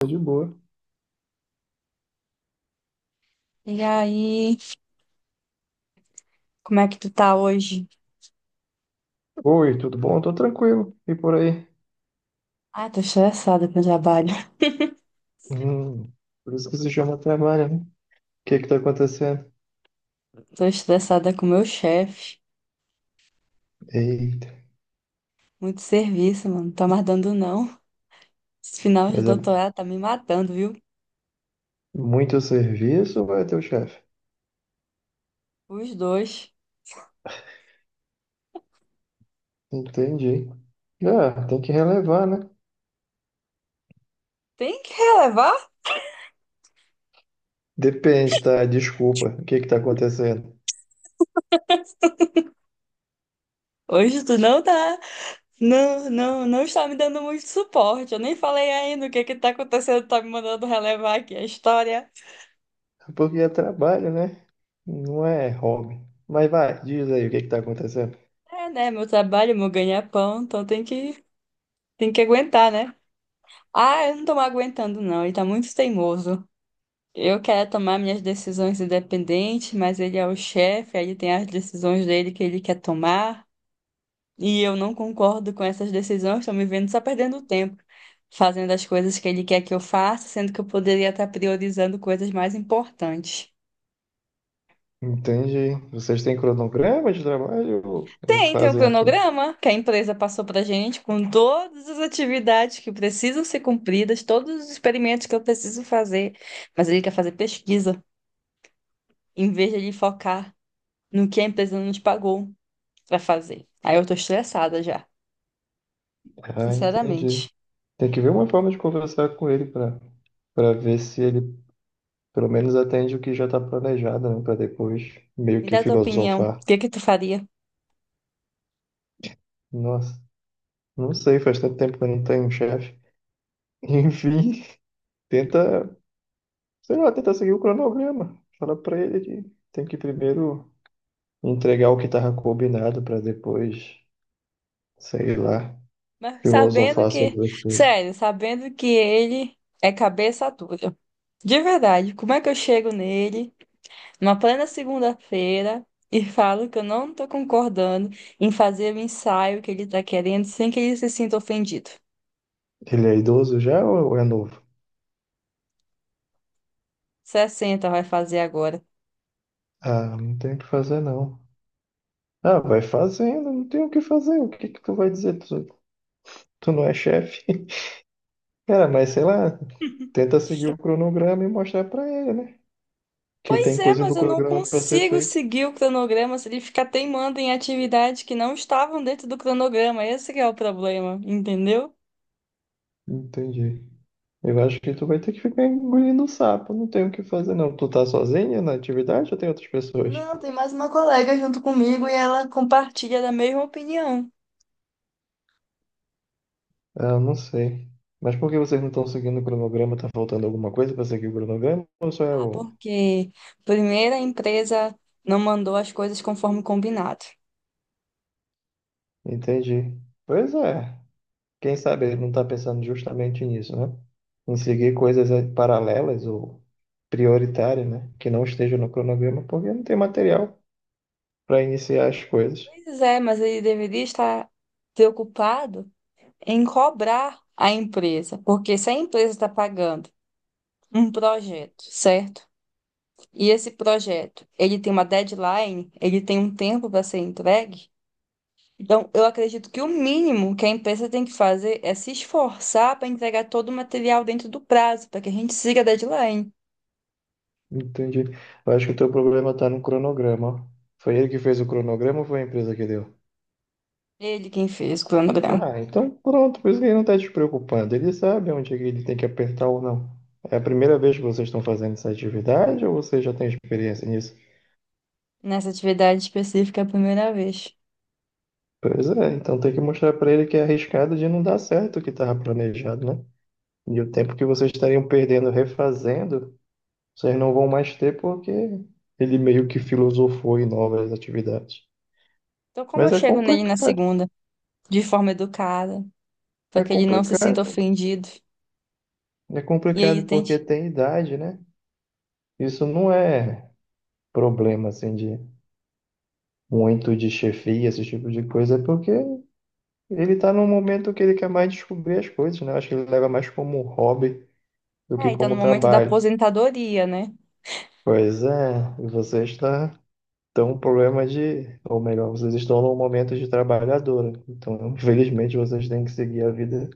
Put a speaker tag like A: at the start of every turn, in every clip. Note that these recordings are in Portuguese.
A: Tá de boa.
B: E aí, como é que tu tá hoje?
A: Oi, tudo bom? Tô tranquilo. E por aí?
B: Ah, tô estressada com o trabalho.
A: Hum, por isso que se chama trabalho, né? O que que tá acontecendo?
B: Tô estressada com o meu chefe.
A: Eita,
B: Muito serviço, mano. Não tá mais dando, não. Esse final de
A: mas é
B: doutorado tá me matando, viu?
A: muito serviço ou é teu chefe?
B: Os dois.
A: Entendi. Ah, tem que relevar, né?
B: Tem que relevar?
A: Depende, tá? Desculpa. O que que tá acontecendo?
B: Hoje tu não tá. Não, não, não está me dando muito suporte. Eu nem falei ainda o que que tá acontecendo. Tá me mandando relevar aqui a história.
A: É porque é trabalho, né? Não é hobby. Mas vai, diz aí o que que tá acontecendo.
B: É, né? Meu trabalho, meu ganha-pão. Então tem que aguentar, né? Ah, eu não tô mais aguentando, não. Ele tá muito teimoso. Eu quero tomar minhas decisões independente, mas ele é o chefe, aí ele tem as decisões dele que ele quer tomar, e eu não concordo com essas decisões, estou me vendo só perdendo tempo, fazendo as coisas que ele quer que eu faça, sendo que eu poderia estar priorizando coisas mais importantes.
A: Entendi. Vocês têm cronograma de trabalho ou
B: Tem o
A: fazem a toa?
B: cronograma que a empresa passou pra gente, com todas as atividades que precisam ser cumpridas, todos os experimentos que eu preciso fazer, mas ele quer fazer pesquisa, em vez de ele focar no que a empresa não te pagou. Pra fazer. Aí eu tô estressada já,
A: Ah, entendi.
B: sinceramente.
A: Tem que ver uma forma de conversar com ele para ver se ele pelo menos atende o que já está planejado, né? Para depois meio
B: Me
A: que
B: dá tua opinião, o
A: filosofar.
B: que que tu faria?
A: Nossa, não sei, faz tanto tempo que eu não tenho um chefe. Enfim, tenta, sei lá, tenta seguir o cronograma. Fala para ele que tem que primeiro entregar o que estava combinado para depois, sei lá,
B: Mas sabendo
A: filosofar
B: que,
A: sobre as coisas.
B: sério, sabendo que ele é cabeça dura. De verdade, como é que eu chego nele numa plena segunda-feira e falo que eu não tô concordando em fazer o ensaio que ele tá querendo sem que ele se sinta ofendido?
A: Ele é idoso já ou é novo?
B: 60 vai fazer agora.
A: Ah, não tem o que fazer, não. Ah, vai fazendo, não tem o que fazer. O que que tu vai dizer? Tu não é chefe? Cara, mas sei lá, tenta seguir o cronograma e mostrar pra ele, né? Que
B: Pois
A: tem
B: é,
A: coisa
B: mas
A: do
B: eu não
A: cronograma pra ser
B: consigo
A: feito.
B: seguir o cronograma se ele ficar teimando em atividades que não estavam dentro do cronograma. Esse que é o problema, entendeu?
A: Entendi. Eu acho que tu vai ter que ficar engolindo o sapo. Não tem o que fazer, não. Tu tá sozinho na atividade ou tem outras pessoas?
B: Não, tem mais uma colega junto comigo e ela Compartilha da mesma opinião.
A: Ah, eu não sei. Mas por que vocês não estão seguindo o cronograma? Tá faltando alguma coisa pra seguir o cronograma? Ou só é
B: Ah,
A: o.
B: porque primeira a empresa não mandou as coisas conforme combinado.
A: Entendi. Pois é. Quem sabe ele não está pensando justamente nisso, né? Em seguir coisas paralelas ou prioritárias, né? Que não estejam no cronograma, porque não tem material para iniciar as coisas.
B: Pois é, mas ele deveria estar preocupado em cobrar a empresa, porque se a empresa está pagando um projeto, certo? E esse projeto, ele tem uma deadline, ele tem um tempo para ser entregue. Então, eu acredito que o mínimo que a empresa tem que fazer é se esforçar para entregar todo o material dentro do prazo, para que a gente siga a deadline.
A: Entendi. Eu acho que o teu problema está no cronograma. Foi ele que fez o cronograma ou foi a empresa que deu?
B: Ele quem fez o cronograma
A: Ah, então pronto, por isso que ele não está te preocupando. Ele sabe onde é que ele tem que apertar ou não. É a primeira vez que vocês estão fazendo essa atividade ou você já tem experiência nisso?
B: nessa atividade específica a primeira vez.
A: Pois é, então tem que mostrar para ele que é arriscado de não dar certo o que estava planejado, né? E o tempo que vocês estariam perdendo refazendo, vocês não vão mais ter porque ele meio que filosofou em novas atividades.
B: Então, como eu
A: Mas é
B: chego nele na
A: complicado,
B: segunda, de forma educada, para
A: é
B: que ele não se sinta
A: complicado,
B: ofendido,
A: é
B: e ele
A: complicado porque
B: tente.
A: tem idade, né? Isso não é problema assim de muito de chefia, esse tipo de coisa, é porque ele tá num momento que ele quer mais descobrir as coisas, né? Acho que ele leva mais como um hobby do que
B: É, e tá no
A: como
B: momento da
A: trabalho.
B: aposentadoria, né?
A: Pois é, você está estão um problema de, ou melhor, vocês estão num momento de trabalhadora. Então, infelizmente, vocês têm que seguir a vida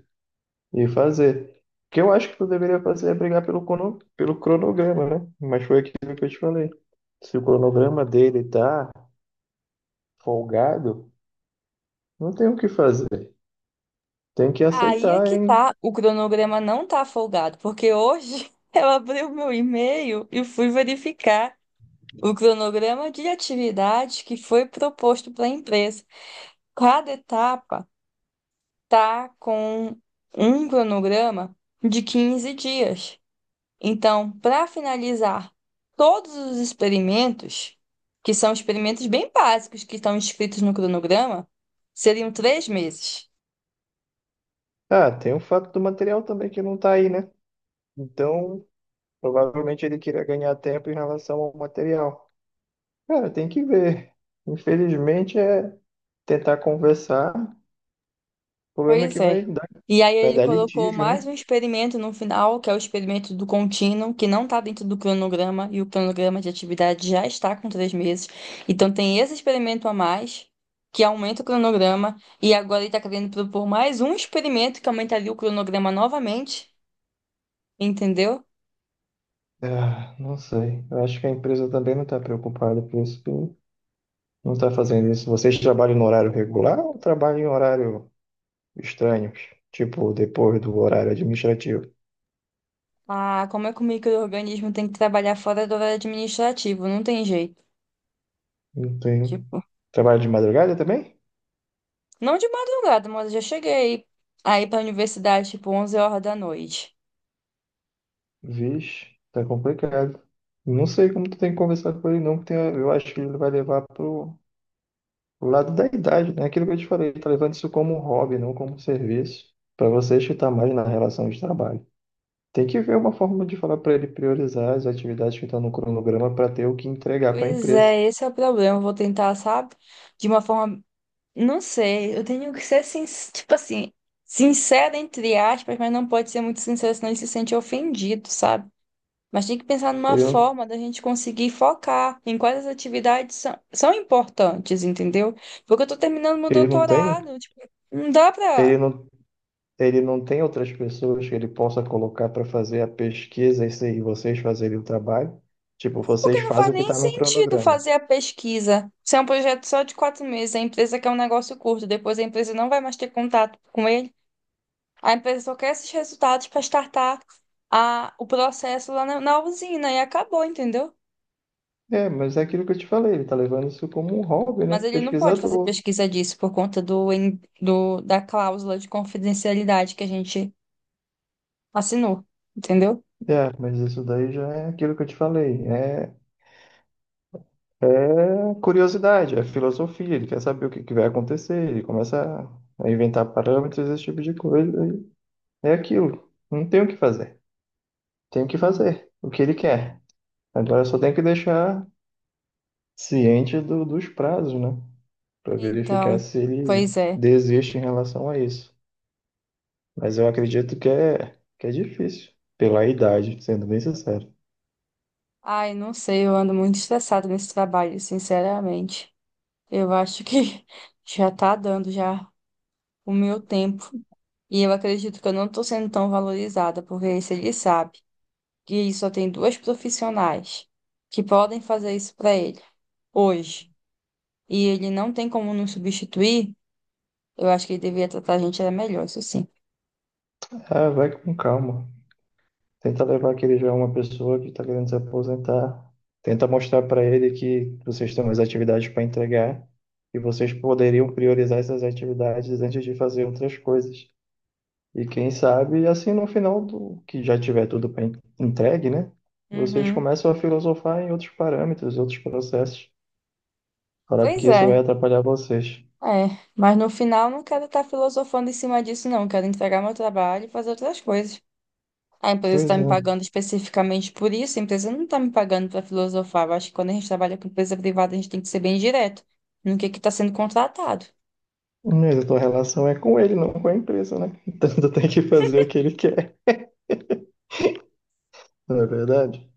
A: e fazer. O que eu acho que tu deveria fazer é brigar pelo cronograma, né? Mas foi aquilo que eu te falei. Se o cronograma dele tá folgado, não tem o que fazer. Tem que
B: Aí é
A: aceitar,
B: que
A: hein?
B: tá, o cronograma não tá folgado, porque hoje eu abri o meu e-mail e fui verificar o cronograma de atividades que foi proposto para a empresa. Cada etapa tá com um cronograma de 15 dias. Então, para finalizar todos os experimentos, que são experimentos bem básicos que estão descritos no cronograma, seriam 3 meses.
A: Ah, tem o fato do material também que não tá aí, né? Então, provavelmente ele queria ganhar tempo em relação ao material. Cara, tem que ver. Infelizmente, é tentar conversar. O problema é
B: Pois
A: que
B: é.
A: vai dar,
B: E aí
A: vai
B: ele
A: dar
B: colocou
A: litígio, né?
B: mais um experimento no final, que é o experimento do contínuo, que não está dentro do cronograma, e o cronograma de atividade já está com 3 meses. Então tem esse experimento a mais, que aumenta o cronograma, e agora ele está querendo propor mais um experimento que aumentaria o cronograma novamente, entendeu?
A: Ah, não sei. Eu acho que a empresa também não está preocupada com isso. que Não está fazendo isso. Vocês trabalham no horário regular ou trabalham em horário estranho? Tipo, depois do horário administrativo?
B: Ah, como é que o micro-organismo tem que trabalhar fora do horário administrativo? Não tem jeito.
A: Não tem.
B: Tipo,
A: Trabalho de madrugada também?
B: não de madrugada, mas eu já cheguei aí para a universidade, tipo, 11 horas da noite.
A: Vixe, tá complicado. Não sei como tu tem que conversar com ele, não, porque eu acho que ele vai levar o lado da idade, né? Aquilo que eu te falei, tá levando isso como um hobby, não como um serviço, para você chutar mais na relação de trabalho. Tem que ver uma forma de falar para ele priorizar as atividades que estão no cronograma para ter o que entregar para a
B: Pois
A: empresa.
B: é, esse é o problema. Eu vou tentar, sabe? De uma forma. Não sei, eu tenho que ser, tipo assim, sincera, entre aspas, mas não pode ser muito sincera, senão ele se sente ofendido, sabe? Mas tem que pensar numa
A: Ele não,
B: forma da gente conseguir focar em quais as atividades são importantes, entendeu? Porque eu tô terminando meu
A: ele não tem,
B: doutorado, tipo, não dá pra.
A: ele não, ele não tem outras pessoas que ele possa colocar para fazer a pesquisa e e vocês fazerem o trabalho. Tipo, vocês
B: Porque não faz
A: fazem o que
B: nem
A: está no
B: sentido
A: cronograma.
B: fazer a pesquisa. Se é um projeto só de 4 meses, a empresa quer um negócio curto, depois a empresa não vai mais ter contato com ele. A empresa só quer esses resultados para startar o processo lá na usina e acabou, entendeu?
A: É, mas é aquilo que eu te falei, ele tá levando isso como um hobby, né?
B: Mas ele não pode fazer
A: Pesquisador.
B: pesquisa disso por conta do, en- do da cláusula de confidencialidade que a gente assinou, entendeu?
A: É, mas isso daí já é aquilo que eu te falei. É curiosidade, é filosofia. Ele quer saber o que que vai acontecer. Ele começa a inventar parâmetros, esse tipo de coisa, e é aquilo. Não tem o que fazer. Tem que fazer o que ele quer. Agora só tem que deixar ciente dos prazos, né? Para verificar
B: Então,
A: se ele
B: pois é.
A: desiste em relação a isso. Mas eu acredito que é difícil. Pela idade, sendo bem sincero.
B: Ai, não sei, eu ando muito estressada nesse trabalho, sinceramente. Eu acho que já tá dando já o meu tempo. E eu acredito que eu não tô sendo tão valorizada, porque se ele sabe. Que só tem duas profissionais que podem fazer isso para ele hoje, e ele não tem como nos substituir, eu acho que ele deveria tratar a gente era melhor, isso sim.
A: Ah, vai com calma. Tenta levar que ele já é uma pessoa que está querendo se aposentar. Tenta mostrar para ele que vocês têm umas atividades para entregar e vocês poderiam priorizar essas atividades antes de fazer outras coisas. E quem sabe, assim, no final do que já tiver tudo pra entregue, né? Vocês
B: Uhum.
A: começam a filosofar em outros parâmetros, outros processos, para
B: Pois
A: que isso
B: é.
A: vai atrapalhar vocês.
B: É, mas no final não quero estar filosofando em cima disso, não. Quero entregar meu trabalho e fazer outras coisas. A empresa está
A: Pois é.
B: me pagando especificamente por isso, a empresa não está me pagando para filosofar. Eu acho que quando a gente trabalha com empresa privada, a gente tem que ser bem direto no que está sendo contratado.
A: Mas a tua relação é com ele, não com a empresa, né? Então tu tem que fazer o que ele quer, não é verdade?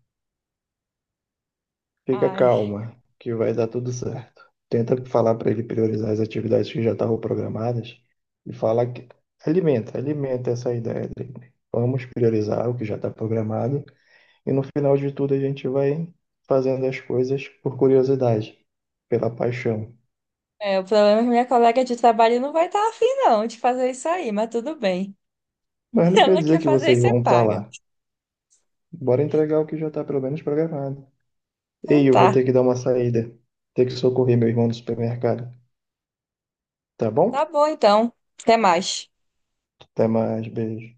A: Fica
B: Ai.
A: calma, que vai dar tudo certo. Tenta falar para ele priorizar as atividades que já estavam programadas e fala que alimenta essa ideia dele. Vamos priorizar o que já está programado e no final de tudo a gente vai fazendo as coisas por curiosidade, pela paixão.
B: É, o problema é que minha colega de trabalho não vai estar afim, não, de fazer isso aí, mas tudo bem.
A: Mas não quer
B: Ela
A: dizer
B: quer
A: que
B: fazer e
A: vocês
B: você
A: vão estar
B: paga.
A: lá. Bora entregar o que já está pelo menos programado.
B: Então
A: Ei, eu vou
B: tá.
A: ter que dar uma saída, ter que socorrer meu irmão no supermercado, tá
B: Tá
A: bom?
B: bom, então. Até mais.
A: Até mais, beijo.